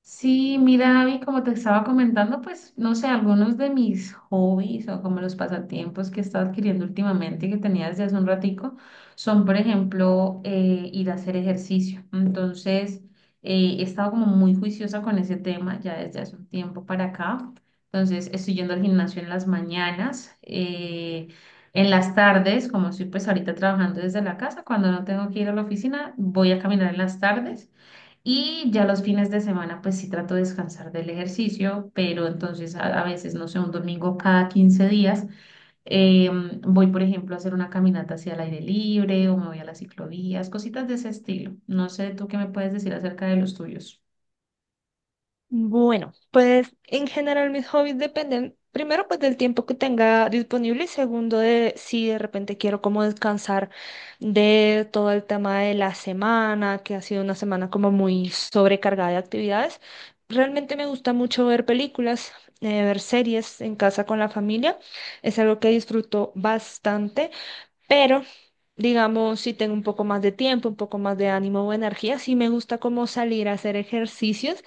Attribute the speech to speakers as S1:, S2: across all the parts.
S1: Sí, mira, Abby, como te estaba comentando, pues no sé, algunos de mis hobbies o como los pasatiempos que he estado adquiriendo últimamente y que tenía desde hace un ratico son, por ejemplo, ir a hacer ejercicio. Entonces, he estado como muy juiciosa con ese tema ya desde hace un tiempo para acá. Entonces, estoy yendo al gimnasio en las mañanas, en las tardes, como estoy pues ahorita trabajando desde la casa, cuando no tengo que ir a la oficina, voy a caminar en las tardes. Y ya los fines de semana, pues sí trato de descansar del ejercicio, pero entonces a veces, no sé, un domingo cada 15 días, voy, por ejemplo, a hacer una caminata hacia el aire libre o me voy a las ciclovías, cositas de ese estilo. No sé, tú qué me puedes decir acerca de los tuyos.
S2: Bueno, pues en general mis hobbies dependen primero pues del tiempo que tenga disponible y segundo de si de repente quiero como descansar de todo el tema de la semana, que ha sido una semana como muy sobrecargada de actividades. Realmente me gusta mucho ver películas, ver series en casa con la familia. Es algo que disfruto bastante, pero digamos si tengo un poco más de tiempo, un poco más de ánimo o energía, sí me gusta como salir a hacer ejercicios.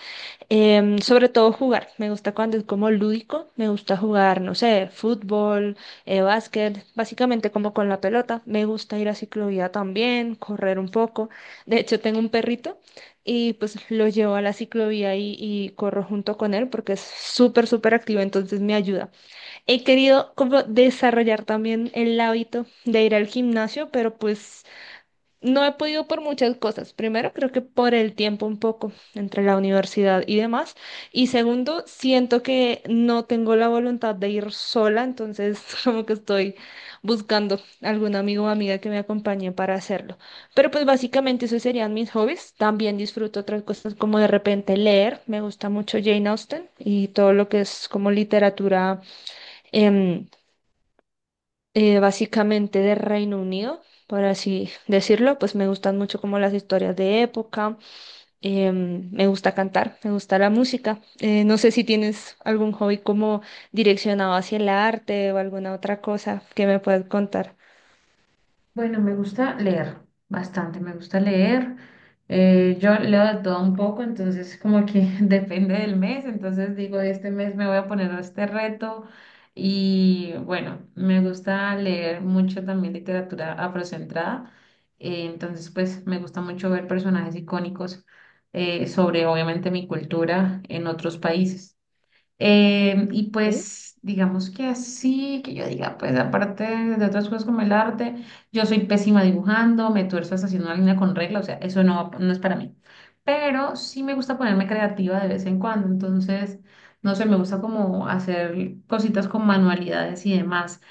S2: Sobre todo jugar, me gusta cuando es como lúdico, me gusta jugar, no sé, fútbol, básquet, básicamente como con la pelota, me gusta ir a ciclovía también, correr un poco, de hecho tengo un perrito y pues lo llevo a la ciclovía y corro junto con él porque es súper, súper activo, entonces me ayuda. He querido como desarrollar también el hábito de ir al gimnasio, pero pues no he podido por muchas cosas. Primero, creo que por el tiempo un poco entre la universidad y demás. Y segundo, siento que no tengo la voluntad de ir sola, entonces como que estoy buscando algún amigo o amiga que me acompañe para hacerlo. Pero pues básicamente esos serían mis hobbies. También disfruto otras cosas como de repente leer. Me gusta mucho Jane Austen y todo lo que es como literatura. em, Básicamente de Reino Unido, por así decirlo, pues me gustan mucho como las historias de época, me gusta cantar, me gusta la música. No sé si tienes algún hobby como direccionado hacia el arte o alguna otra cosa que me puedas contar.
S1: Bueno, me gusta leer bastante, me gusta leer. Yo leo de todo un poco, entonces como que depende del mes, entonces digo, este mes me voy a poner a este reto y bueno, me gusta leer mucho también literatura afrocentrada, entonces pues me gusta mucho ver personajes icónicos sobre obviamente mi cultura en otros países. Y
S2: ¿Sí?
S1: pues digamos que así, que yo diga, pues aparte de otras cosas como el arte, yo soy pésima dibujando, me tuerzo hasta haciendo una línea con regla, o sea, eso no, no es para mí. Pero sí me gusta ponerme creativa de vez en cuando, entonces, no sé, me gusta como hacer cositas con manualidades y demás.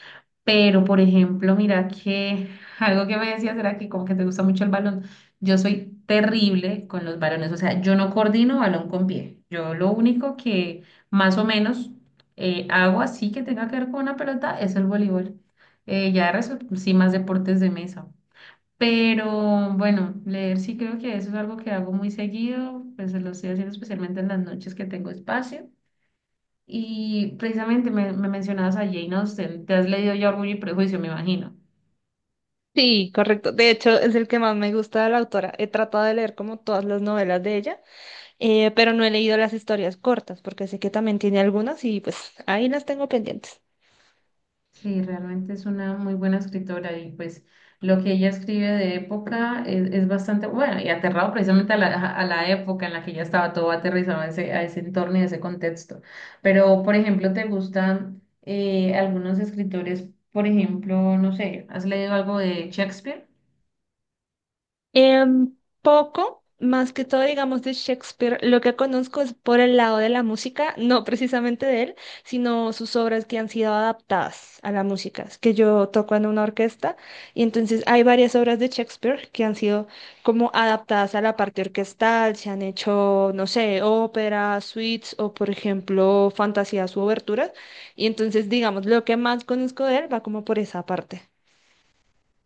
S1: Pero, por ejemplo, mira que algo que me decías era que como que te gusta mucho el balón. Yo soy terrible con los balones, o sea, yo no coordino balón con pie. Yo lo único que más o menos hago así que tenga que ver con una pelota es el voleibol. Ya de resto, sí, más deportes de mesa. Pero bueno, leer sí creo que eso es algo que hago muy seguido, pues lo estoy haciendo especialmente en las noches que tengo espacio. Y precisamente me mencionabas a Jane Austen, ¿te has leído ya Orgullo y Prejuicio, me imagino?
S2: Sí, correcto. De hecho, es el que más me gusta de la autora. He tratado de leer como todas las novelas de ella, pero no he leído las historias cortas porque sé que también tiene algunas y pues ahí las tengo pendientes.
S1: Sí, realmente es una muy buena escritora y pues lo que ella escribe de época es bastante bueno y aterrado precisamente a a la época en la que ella estaba todo aterrizado a a ese entorno y a ese contexto. Pero, por ejemplo, ¿te gustan algunos escritores? Por ejemplo, no sé, ¿has leído algo de Shakespeare?
S2: Em, Poco, más que todo, digamos, de Shakespeare, lo que conozco es por el lado de la música, no precisamente de él, sino sus obras que han sido adaptadas a la música, es que yo toco en una orquesta y entonces hay varias obras de Shakespeare que han sido como adaptadas a la parte orquestal, se han hecho, no sé, óperas, suites o, por ejemplo, fantasías u oberturas, y entonces, digamos, lo que más conozco de él va como por esa parte.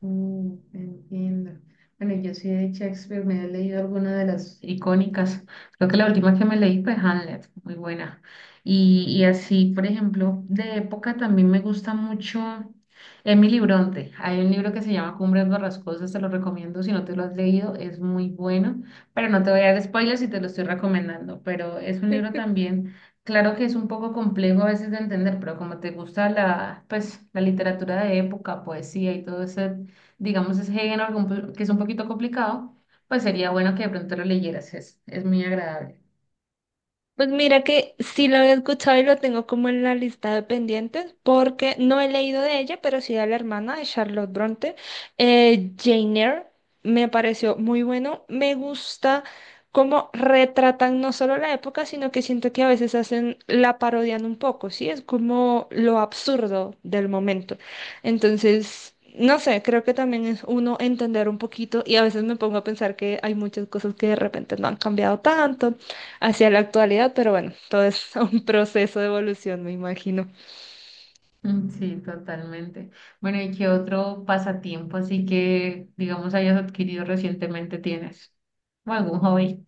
S1: Mm, entiendo. Bueno, yo sí de Shakespeare me he leído alguna de las icónicas. Creo que la última que me leí fue Hamlet, muy buena. Y así, por ejemplo, de época también me gusta mucho Emily Bronte. Hay un libro que se llama Cumbres Borrascosas, te lo recomiendo si no te lo has leído, es muy bueno, pero no te voy a dar spoilers si te lo estoy recomendando, pero es un libro también, claro que es un poco complejo a veces de entender, pero como te gusta la, pues, la literatura de época, poesía y todo eso digamos, ese género que que es un poquito complicado, pues sería bueno que de pronto lo leyeras, es muy agradable.
S2: Pues mira que sí lo he escuchado y lo tengo como en la lista de pendientes, porque no he leído de ella, pero sí de la hermana de Charlotte Bronte, Jane Eyre, me pareció muy bueno. Me gusta cómo retratan no solo la época, sino que siento que a veces hacen, la parodian un poco, ¿sí? Es como lo absurdo del momento. Entonces... No sé, creo que también es uno entender un poquito y a veces me pongo a pensar que hay muchas cosas que de repente no han cambiado tanto hacia la actualidad, pero bueno, todo es un proceso de evolución, me imagino.
S1: Mm, sí, totalmente. Bueno, ¿y qué otro pasatiempo así que, digamos, hayas adquirido recientemente tienes? ¿O algún hobby?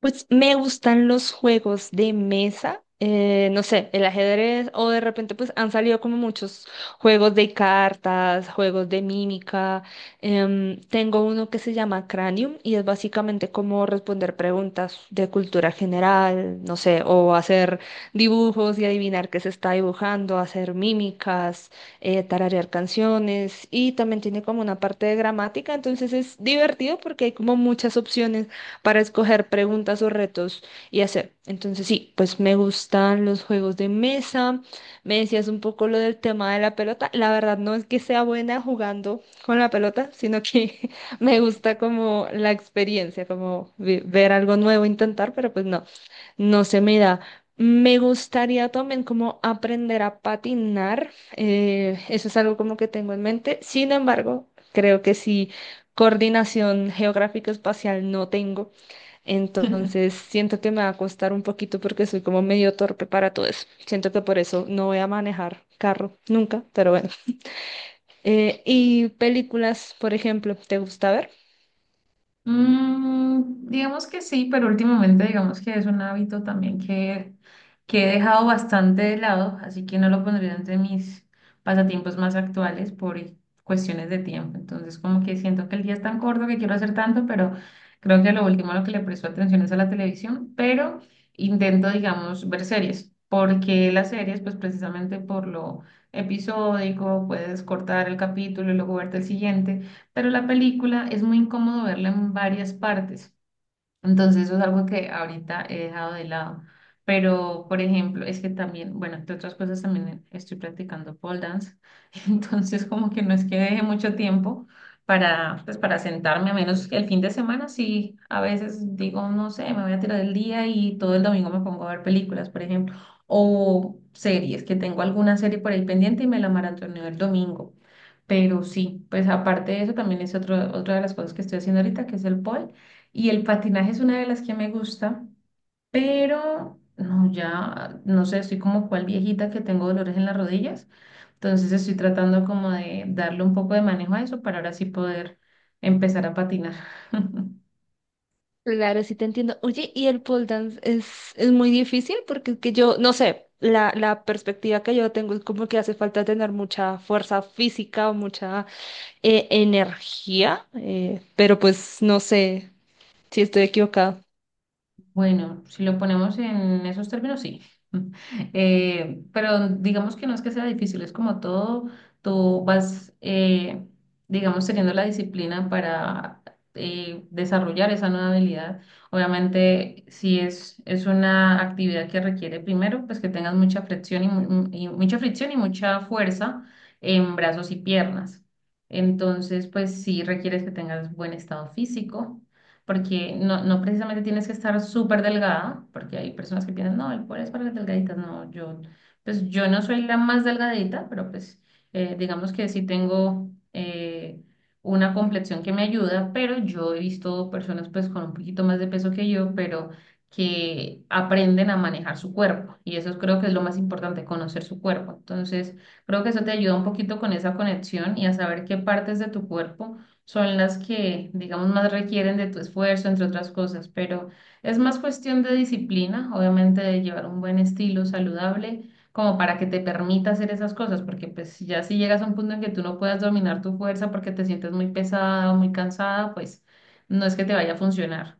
S2: Pues me gustan los juegos de mesa, no sé, el ajedrez o de repente pues han salido como muchos juegos de cartas, juegos de mímica. Tengo uno que se llama Cranium y es básicamente como responder preguntas de cultura general, no sé, o hacer dibujos y adivinar qué se está dibujando, hacer mímicas, tararear canciones y también tiene como una parte de gramática, entonces es divertido porque hay como muchas opciones para escoger preguntas o retos y hacer. Entonces sí, pues me gustan los juegos de mesa. Me decías un poco lo del tema de la pelota. La verdad no es que sea buena jugando con la pelota, sino que me gusta como la experiencia, como ver algo nuevo, intentar, pero pues no, no se me da. Me gustaría también como aprender a patinar. Eso es algo como que tengo en mente. Sin embargo, creo que sí, coordinación geográfico-espacial no tengo. Entonces, siento que me va a costar un poquito porque soy como medio torpe para todo eso. Siento que por eso no voy a manejar carro nunca, pero bueno. Y películas, por ejemplo, ¿te gusta ver?
S1: Mm, digamos que sí, pero últimamente digamos que es un hábito también que he dejado bastante de lado, así que no lo pondría entre mis pasatiempos más actuales por cuestiones de tiempo. Entonces como que siento que el día es tan corto que quiero hacer tanto, pero creo que lo último a lo que le presto atención es a la televisión, pero intento, digamos, ver series, porque las series, pues precisamente por lo episódico, puedes cortar el capítulo y luego verte el siguiente, pero la película es muy incómodo verla en varias partes. Entonces eso es algo que ahorita he dejado de lado. Pero, por ejemplo, es que también, bueno, entre otras cosas también estoy practicando pole dance. Entonces como que no es que deje mucho tiempo para, pues, para sentarme, a menos que el fin de semana sí, a veces digo, no sé, me voy a tirar el día y todo el domingo me pongo a ver películas, por ejemplo, o series, que tengo alguna serie por ahí pendiente y me la maratoneo el domingo. Pero sí, pues aparte de eso también es otra de las cosas que estoy haciendo ahorita, que es el pole. Y el patinaje es una de las que me gusta, pero no, ya, no sé, estoy como cual viejita que tengo dolores en las rodillas. Entonces estoy tratando como de darle un poco de manejo a eso para ahora sí poder empezar a patinar.
S2: Claro, sí te entiendo. Oye, ¿y el pole dance es muy difícil? Porque es que yo, no sé, la perspectiva que yo tengo es como que hace falta tener mucha fuerza física o mucha energía, pero pues no sé si estoy equivocada.
S1: Bueno, si lo ponemos en esos términos, sí. Pero digamos que no es que sea difícil, es como todo, tú vas, digamos, teniendo la disciplina para desarrollar esa nueva habilidad. Obviamente, si es una actividad que requiere primero, pues que tengas mucha fricción y, y mucha fricción y mucha fuerza en brazos y piernas. Entonces, pues sí requieres que tengas buen estado físico porque no, no precisamente tienes que estar súper delgada, porque hay personas que piensan, no, el cuerpo es para las delgaditas, no, yo, pues yo no soy la más delgadita, pero pues digamos que sí tengo una complexión que me ayuda, pero yo he visto personas pues con un poquito más de peso que yo, pero que aprenden a manejar su cuerpo y eso creo que es lo más importante, conocer su cuerpo. Entonces, creo que eso te ayuda un poquito con esa conexión y a saber qué partes de tu cuerpo son las que, digamos, más requieren de tu esfuerzo, entre otras cosas, pero es más cuestión de disciplina, obviamente de llevar un buen estilo saludable, como para que te permita hacer esas cosas, porque pues si ya si llegas a un punto en que tú no puedas dominar tu fuerza porque te sientes muy pesada o muy cansada, pues no es que te vaya a funcionar.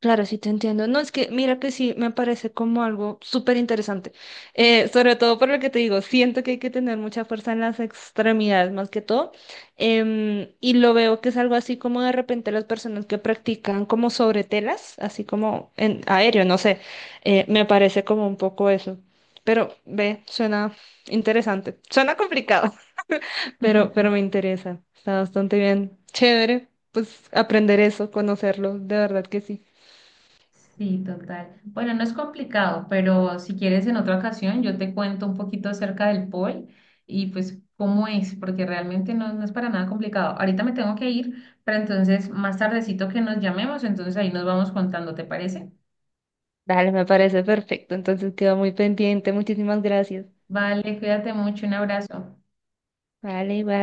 S2: Claro, sí te entiendo. No, es que mira que sí, me parece como algo súper interesante. Sobre todo por lo que te digo, siento que hay que tener mucha fuerza en las extremidades más que todo. Y lo veo que es algo así como de repente las personas que practican como sobre telas, así como en aéreo, no sé. Me parece como un poco eso. Pero ve, suena interesante. Suena complicado, pero me interesa. Está bastante bien. Chévere, pues aprender eso, conocerlo, de verdad que sí.
S1: Sí, total. Bueno, no es complicado, pero si quieres en otra ocasión yo te cuento un poquito acerca del pol y pues cómo es, porque realmente no, no es para nada complicado. Ahorita me tengo que ir, pero entonces más tardecito que nos llamemos, entonces ahí nos vamos contando, ¿te parece?
S2: Dale, me parece perfecto. Entonces quedo muy pendiente. Muchísimas gracias.
S1: Vale, cuídate mucho, un abrazo.
S2: Vale, bye.